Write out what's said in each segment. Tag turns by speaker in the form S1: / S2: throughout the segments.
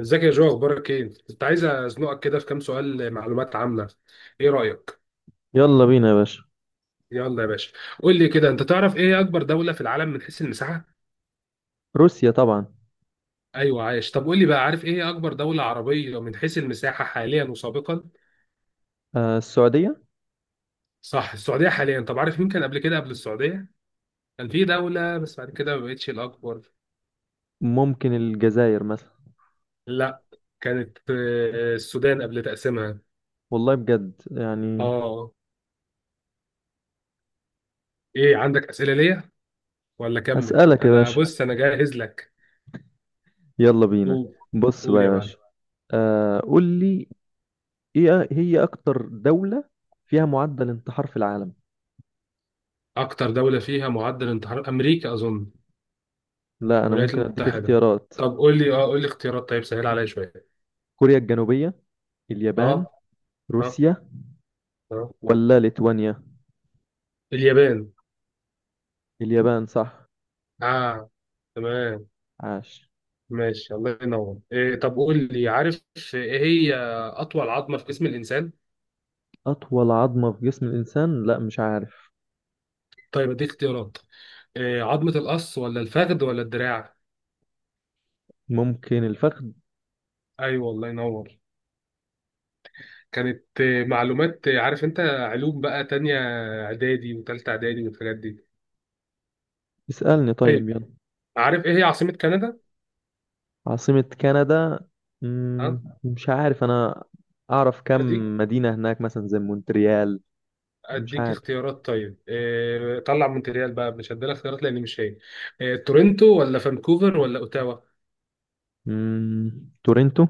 S1: ازيك يا جو؟ اخبارك ايه؟ كنت عايز ازنقك كده في كام سؤال معلومات عامه. ايه رايك؟
S2: يلا بينا يا باشا.
S1: يلا يا باشا. قول لي كده، انت تعرف ايه اكبر دوله في العالم من حيث المساحه؟
S2: روسيا طبعا.
S1: ايوه عايش. طب قول لي بقى، عارف ايه اكبر دوله عربيه من حيث المساحه حاليا وسابقا؟
S2: آه، السعودية.
S1: صح، السعوديه حاليا. طب عارف مين كان قبل كده قبل السعوديه؟ كان في دوله بس بعد كده ما بقتش الاكبر.
S2: ممكن الجزائر مثلا.
S1: لا. كانت السودان قبل تقسيمها.
S2: والله بجد يعني.
S1: اه. ايه عندك اسئله ليا ولا كمل؟
S2: أسألك يا
S1: انا
S2: باشا.
S1: بص انا جاهز لك.
S2: يلا بينا.
S1: قول.
S2: بص بقى
S1: قول
S2: يا
S1: يا معلم.
S2: باشا. قول لي، ايه هي أكتر دولة فيها معدل انتحار في العالم؟
S1: أكتر دولة فيها معدل انتحار أمريكا أظن.
S2: لا، أنا
S1: الولايات
S2: ممكن أديك
S1: المتحدة.
S2: اختيارات.
S1: طب قول لي، قول لي اختيارات طيب، سهل عليا شوية.
S2: كوريا الجنوبية، اليابان،
S1: أه. أه.
S2: روسيا،
S1: أه.
S2: ولا ليتوانيا؟
S1: اليابان.
S2: اليابان صح.
S1: أه. تمام.
S2: عاش.
S1: ماشي، الله ينور. إيه طب قول لي، عارف إيه هي أطول عظمة في جسم الإنسان؟
S2: أطول عظمة في جسم الإنسان، لا مش عارف.
S1: طيب أديك اختيارات. إيه، عظمة القص ولا الفخذ ولا الدراع؟
S2: ممكن الفخذ.
S1: أيوه الله ينور. كانت معلومات، عارف أنت علوم بقى، تانية إعدادي وتالتة إعدادي والحاجات دي.
S2: اسألني طيب،
S1: طيب،
S2: يلا.
S1: عارف إيه هي عاصمة كندا؟
S2: عاصمة كندا،
S1: ها.
S2: مش عارف أنا. أعرف كم
S1: أديك
S2: مدينة هناك مثلا زي مونتريال. مش
S1: اديك
S2: عارف.
S1: اختيارات طيب. إيه، طلع مونتريال بقى مش هديلك اختيارات لان مش هي. إيه، تورنتو ولا فانكوفر ولا اوتاوا؟
S2: مم، تورنتو.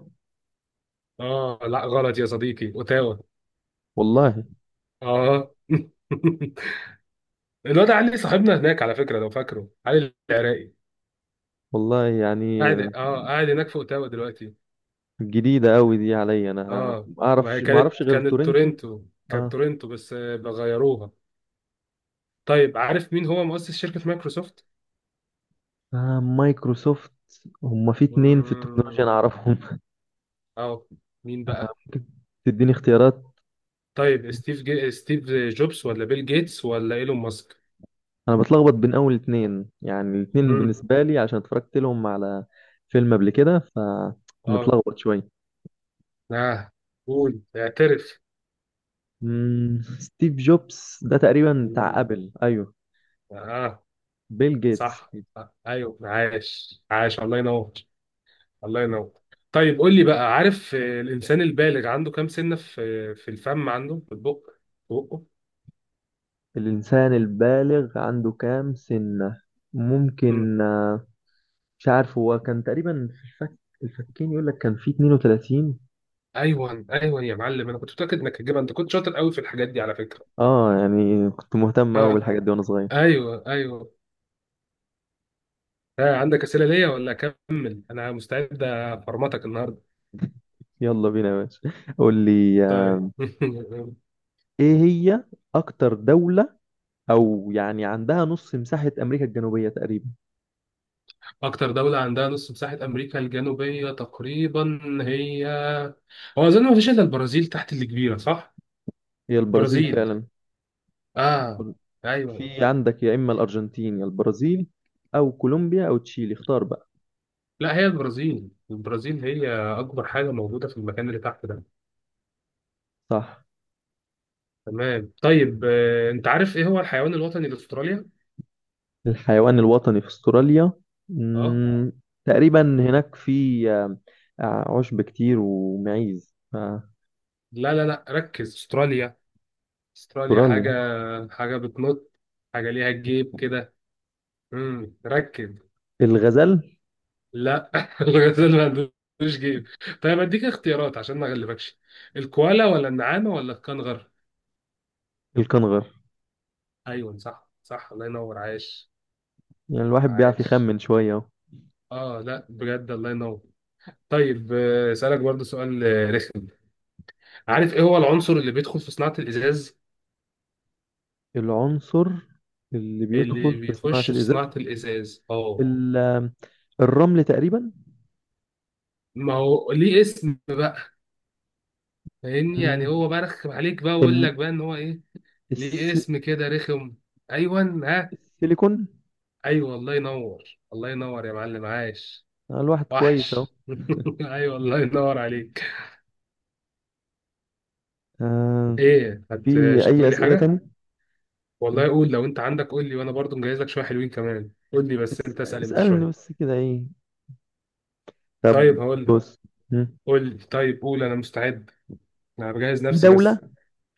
S1: اه لا غلط يا صديقي، اوتاوا.
S2: والله.
S1: اه. الواد علي صاحبنا هناك على فكره، لو فاكره، علي العراقي.
S2: والله يعني.
S1: قاعد هناك في اوتاوا دلوقتي.
S2: جديدة أوي دي عليا أنا.
S1: اه. ما هي
S2: ما أعرفش
S1: كانت
S2: غير
S1: كانت
S2: تورنتو.
S1: تورنتو. كانت
S2: آه.
S1: تورنتو بس بغيروها. طيب، عارف مين هو مؤسس شركه مايكروسوفت؟
S2: مايكروسوفت، هما في اتنين في التكنولوجيا
S1: مم.
S2: أنا أعرفهم.
S1: اه. مين بقى؟
S2: ممكن تديني اختيارات.
S1: طيب، ستيف جوبز ولا بيل جيتس ولا ايلون ماسك؟
S2: أنا بتلخبط بين أول اتنين، يعني الاتنين
S1: امم.
S2: بالنسبة لي عشان اتفرجت لهم على فيلم قبل كده،
S1: اه.
S2: فمتلخبط شوية.
S1: اه. قول اعترف.
S2: ستيف جوبز ده تقريبا بتاع
S1: مم.
S2: ابل، ايوه.
S1: اه.
S2: بيل جيتس.
S1: صح صح. ايوه، عاش عاش، الله ينور الله ينور. طيب قول لي بقى، عارف الانسان البالغ عنده كام سنه في الفم، عنده في البق، في بقه؟
S2: الانسان البالغ عنده كام سنة؟
S1: مم.
S2: ممكن مش عارف، هو كان تقريبا في الفك، الفكين يقول لك كان في 32.
S1: ايوه ايوه يا معلم، انا كنت متاكد انك هتجيبها، انت كنت شاطر قوي في الحاجات دي على فكره.
S2: اه، يعني كنت مهتم قوي
S1: اه.
S2: بالحاجات دي وانا صغير.
S1: ايوه ايوه. آه. عندك اسئله ليا ولا اكمل؟ انا مستعد افرمتك النهارده.
S2: يلا بينا يا باشا. قول لي
S1: طيب.
S2: ايه هي اكتر دولة او يعني عندها نص مساحة امريكا الجنوبية تقريبا؟
S1: أكتر دولة عندها نص مساحة أمريكا الجنوبية تقريبا هي، هو أظن ما فيش إلا البرازيل تحت اللي كبيرة، صح؟
S2: هي البرازيل
S1: برازيل.
S2: فعلا.
S1: آه. أيوه.
S2: في عندك يا إما الأرجنتين يا البرازيل أو كولومبيا أو تشيلي، اختار بقى.
S1: لا هي البرازيل، البرازيل هي أكبر حاجة موجودة في المكان اللي تحت ده.
S2: صح.
S1: تمام. طيب أنت عارف إيه هو الحيوان الوطني لأستراليا؟
S2: الحيوان الوطني في أستراليا،
S1: آه.
S2: مم، تقريبا هناك في عشب كتير ومعيز
S1: لا لا لا ركز، أستراليا. أستراليا حاجة،
S2: أستراليا.
S1: حاجة بتنط، حاجة ليها جيب كده. امم، ركز.
S2: الغزال.
S1: لا. الغزال ما عندوش جيب. طيب اديك اختيارات عشان ما اغلبكش. الكوالا ولا النعامه ولا الكنغر؟
S2: الكنغر.
S1: ايوه صح صح، الله ينور، عايش
S2: يعني الواحد بيعرف
S1: عايش.
S2: يخمن شوية أهو.
S1: اه لا بجد الله ينور. طيب اسالك برضو سؤال رخم. عارف ايه هو العنصر اللي بيدخل في صناعه الازاز؟
S2: العنصر اللي بيدخل
S1: اللي
S2: في صناعة
S1: بيخش في
S2: الإزاز،
S1: صناعه الازاز، اه.
S2: ال- آه، الرمل تقريبا.
S1: ما هو ليه اسم بقى، فاهمني؟ يعني
S2: مم،
S1: هو برخم عليك بقى ويقول
S2: ال-
S1: لك بقى ان هو ايه، ليه
S2: الس-
S1: اسم كده رخم. ايوه ها.
S2: السيليكون.
S1: ايوه، الله ينور، الله ينور يا معلم، عايش.
S2: الواحد كويس أهو.
S1: وحش. ايوه الله ينور عليك.
S2: آه.
S1: ايه،
S2: في
S1: مش
S2: أي
S1: هتقول لي
S2: أسئلة
S1: حاجه؟
S2: تاني؟
S1: والله
S2: مم.
S1: قول، لو انت عندك قول لي، وانا برضو مجهز لك شويه حلوين كمان، قول لي بس، انت اسال انت
S2: اسألني
S1: شويه.
S2: بس كده، إيه؟ طب
S1: طيب هقول لك.
S2: بص. مم.
S1: قول لي، طيب قول، انا مستعد. انا بجهز
S2: في
S1: نفسي
S2: دولة،
S1: بس.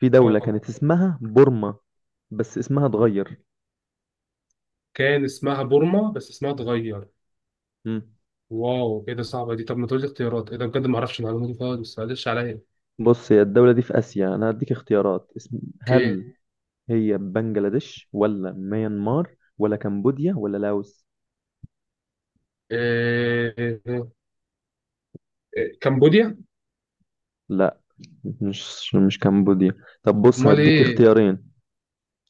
S1: اه.
S2: كانت اسمها بورما بس اسمها اتغير.
S1: كان اسمها بورما بس اسمها اتغير.
S2: مم.
S1: واو، ايه ده، صعبه دي. طب ما تقول لي اختيارات، ايه ده بجد، ما اعرفش المعلومه دي خالص، معلش عليا.
S2: بص، هي الدولة دي في آسيا، أنا هديك اختيارات اسم،
S1: اوكي.
S2: هل هي بنجلاديش ولا ميانمار ولا كمبوديا ولا لاوس؟
S1: إيه... إيه، كمبوديا.
S2: لا، مش كمبوديا. طب بص،
S1: امال
S2: هديك
S1: ايه؟
S2: اختيارين،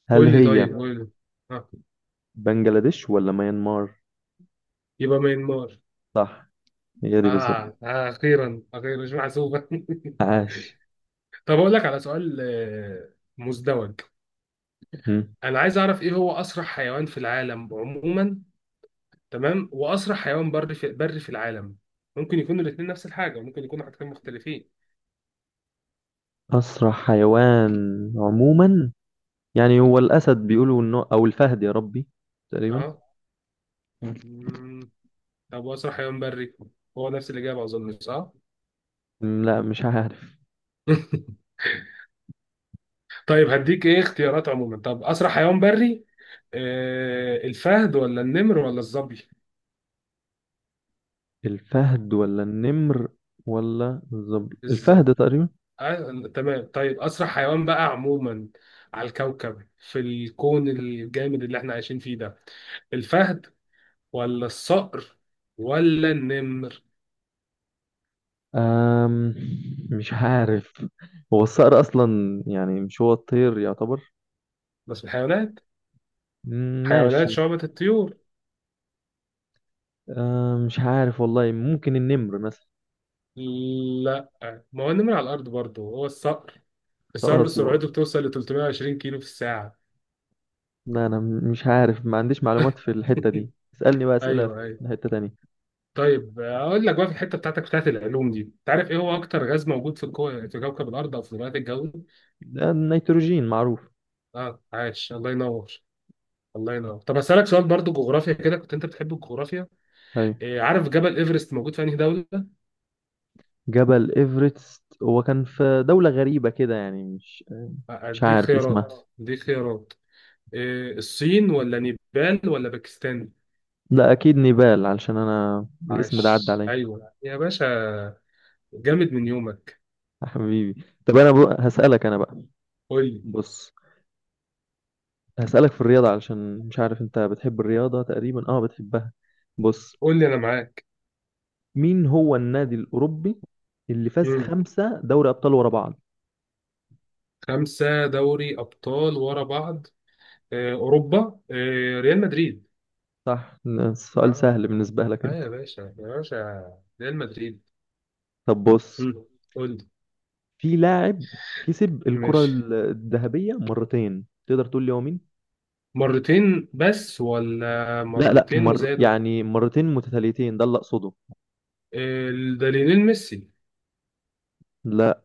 S2: هل
S1: قول لي،
S2: هي
S1: طيب قول لي. آه.
S2: بنجلاديش ولا ميانمار؟
S1: يبقى ميانمار.
S2: صح، هي دي
S1: آه.
S2: بالظبط.
S1: آه أخيرا أخيرا، مش محسوبة.
S2: عاش.
S1: طب أقول لك على سؤال مزدوج. أنا عايز أعرف إيه هو أسرع حيوان في العالم عموما. تمام، وأسرع حيوان بري في العالم. ممكن يكونوا الاتنين نفس الحاجة، ممكن يكونوا حاجتين مختلفين.
S2: أسرع حيوان عموما، يعني هو الأسد بيقولوا إنه أو الفهد، يا ربي، تقريبا.
S1: أه.
S2: مم.
S1: مم. طب وأسرع حيوان بري هو نفس الإجابة أظن، صح؟
S2: م، لا مش عارف.
S1: طيب هديك إيه اختيارات، عموما طب أسرع حيوان بري. آه، الفهد ولا النمر ولا الظبي؟
S2: الفهد ولا النمر ولا الظبي، الفهد
S1: الظبي.
S2: تقريبا.
S1: تمام. طيب أسرع حيوان بقى عموما، على الكوكب، في الكون الجامد اللي احنا عايشين فيه ده، الفهد ولا الصقر ولا النمر؟
S2: أم مش عارف، هو الصقر أصلا يعني، مش هو الطير يعتبر.
S1: بس الحيوانات،
S2: م،
S1: حيوانات
S2: ماشي.
S1: شعبة الطيور.
S2: مش عارف والله، ممكن النمر مثلا.
S1: لا، ما هو النمر على الأرض برضه هو الصقر. الصقر
S2: خلاص يبقى،
S1: سرعته بتوصل ل 320 كيلو في الساعة.
S2: لا أنا مش عارف، ما عنديش معلومات في الحتة دي، اسألني بقى أسئلة
S1: أيوه أيوه.
S2: في حتة تانية.
S1: طيب، أقول لك بقى في الحتة بتاعتك بتاعت العلوم دي، تعرف إيه هو أكتر غاز موجود في في كوكب الأرض أو في غلاف الجوي؟
S2: ده النيتروجين معروف.
S1: أه، عاش الله ينور، الله ينور. طب اسالك سؤال برضو جغرافيا كده، كنت انت بتحب الجغرافيا.
S2: أيوة.
S1: إيه، عارف جبل ايفرست موجود في انهي دوله؟
S2: جبل إيفرست هو كان في دولة غريبة كده يعني، مش
S1: اديك
S2: عارف
S1: خيارات،
S2: اسمها.
S1: اديك خيارات. إيه، الصين ولا نيبال ولا باكستان؟
S2: لا أكيد نيبال، علشان أنا الاسم ده عدى
S1: عاش.
S2: عليا.
S1: ايوه يا باشا، جامد من يومك.
S2: يا حبيبي، طب أنا بقى هسألك أنا بقى.
S1: قول لي،
S2: بص، هسألك في الرياضة، علشان مش عارف أنت بتحب الرياضة، تقريبا أه بتحبها. بص،
S1: قول لي انا معاك.
S2: مين هو النادي الأوروبي اللي فاز
S1: مم.
S2: 5 دوري أبطال ورا بعض؟
S1: خمسه دوري ابطال ورا بعض، إيه، اوروبا، إيه، ريال مدريد.
S2: صح، السؤال
S1: اه.
S2: سهل بالنسبة لك
S1: اه
S2: أنت.
S1: يا باشا، يا باشا. ريال مدريد.
S2: طب بص،
S1: مم. قول لي.
S2: في لاعب كسب الكرة
S1: ماشي.
S2: الذهبية مرتين، تقدر تقول لي هو مين؟
S1: مرتين بس ولا
S2: لا، لا،
S1: مرتين وزادوا؟
S2: يعني مرتين متتاليتين ده اللي اقصده.
S1: ده ميسي.
S2: لا،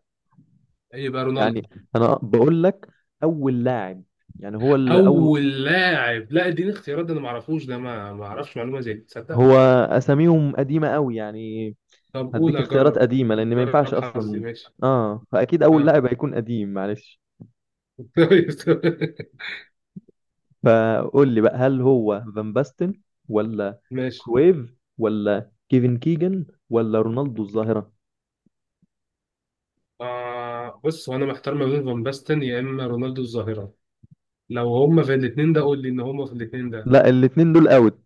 S1: يبقى
S2: يعني
S1: رونالدو.
S2: انا بقول لك اول لاعب، يعني هو اللي اول،
S1: اول لاعب، لا اديني اختيارات، ده انا ما اعرفوش ده، ما اعرفش معلومه زي دي، تصدق.
S2: هو اساميهم قديمه قوي يعني.
S1: طب قول،
S2: هديك اختيارات
S1: اجرب،
S2: قديمه لان ما ينفعش
S1: جرب حظي،
S2: اصلا.
S1: ماشي.
S2: اه، فاكيد اول لاعب
S1: اه.
S2: هيكون قديم، معلش.
S1: كويس.
S2: فقول لي بقى، هل هو فان باستن ولا
S1: ماشي.
S2: كرويف ولا كيفن كيجن ولا رونالدو الظاهره؟
S1: آه، بص هو انا محتار ما بين فان باستن يا اما رونالدو الظاهره. لو هما في الاثنين ده قول لي ان هما في الاثنين ده.
S2: لا الاتنين دول اوت.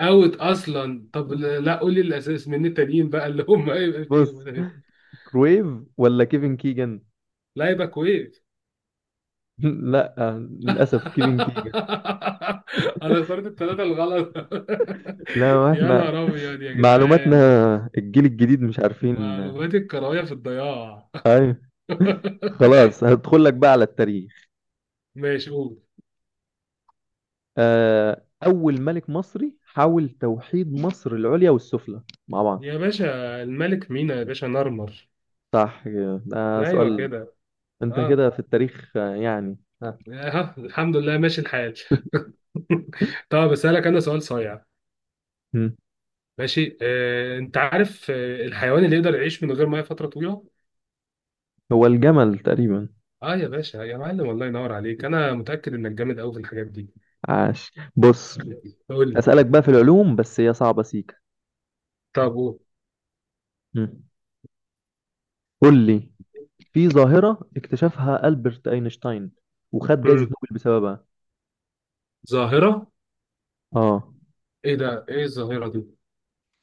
S1: اوت اصلا. طب لا قول لي الاساس من التانيين بقى اللي هما هيبقى فيهم
S2: بص،
S1: ده.
S2: كرويف ولا كيفن كيجن؟
S1: لا يبقى كويس.
S2: لا، للاسف كيفن كيجن.
S1: انا اخترت الثلاثه الغلط.
S2: لا، ما
S1: يا
S2: احنا
S1: نهار أبيض يا
S2: معلوماتنا
S1: جدعان.
S2: الجيل الجديد مش عارفين.
S1: معلومات الكروية في الضياع.
S2: ايوه. خلاص، هدخل لك بقى على التاريخ.
S1: ماشي، قول.
S2: اول ملك مصري حاول توحيد مصر العليا والسفلى مع بعض؟
S1: يا باشا الملك مينا، يا باشا نرمر.
S2: صح كده. ده
S1: أيوه
S2: سؤال،
S1: كده.
S2: انت
S1: أه.
S2: كده في التاريخ يعني. ها.
S1: ها، الحمد لله ماشي الحال. طب أسألك أنا سؤال صايع.
S2: مم.
S1: ماشي. أنت عارف الحيوان اللي يقدر يعيش من غير مية فترة طويلة؟
S2: هو الجمل تقريبا.
S1: أه يا باشا، يا معلم الله ينور عليك، أنا متأكد إنك جامد أوي في الحاجات دي.
S2: عاش، بص.
S1: قول لي.
S2: اسالك بقى في العلوم بس هي صعبة سيكا.
S1: طب قول.
S2: مم. قول لي، في ظاهرة اكتشفها ألبرت أينشتاين وخد جايزة
S1: مم.
S2: نوبل بسببها.
S1: ظاهرة.
S2: اه.
S1: إيه ده؟ إيه الظاهرة دي؟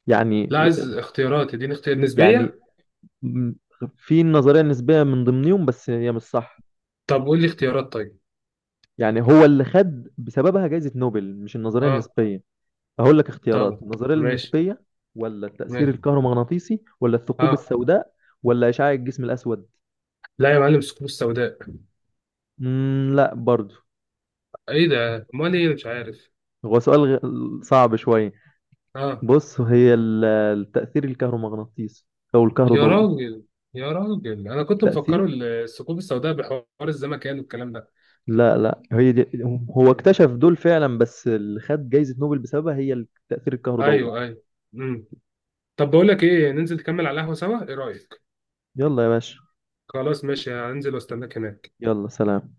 S2: يعني
S1: لا عايز اختيارات، اديني اختيار، نسبية.
S2: يعني م- في النظرية النسبية من ضمنهم بس هي مش صح.
S1: طب قول لي اختيارات طيب.
S2: يعني هو اللي خد بسببها جائزة نوبل مش النظرية
S1: اه.
S2: النسبية. هقول لك اختيارات،
S1: طبعا.
S2: النظرية
S1: ماشي.
S2: النسبية ولا التأثير
S1: ماشي.
S2: الكهرومغناطيسي ولا الثقوب
S1: اه.
S2: السوداء ولا إشعاع الجسم الأسود.
S1: لا يا معلم، الثقوب السوداء.
S2: لا برضو.
S1: ايه ده، امال ايه، مش عارف.
S2: هو سؤال صعب شوية.
S1: اه.
S2: بص، هي التأثير الكهرومغناطيسي أو
S1: يا
S2: الكهروضوئي.
S1: راجل، يا راجل، انا كنت مفكره
S2: التأثير،
S1: الثقوب السوداء بحوار الزمكان والكلام ده.
S2: لا، لا، هي دي. هو
S1: مم.
S2: اكتشف دول فعلا، بس اللي خد جائزة نوبل بسببها هي التأثير الكهروضوئي.
S1: ايوه ايوه. مم. طب بقول لك ايه، ننزل نكمل على القهوه سوا، ايه رايك؟
S2: يلا يا باشا.
S1: خلاص ماشي، هنزل واستناك هناك.
S2: يلا سلام.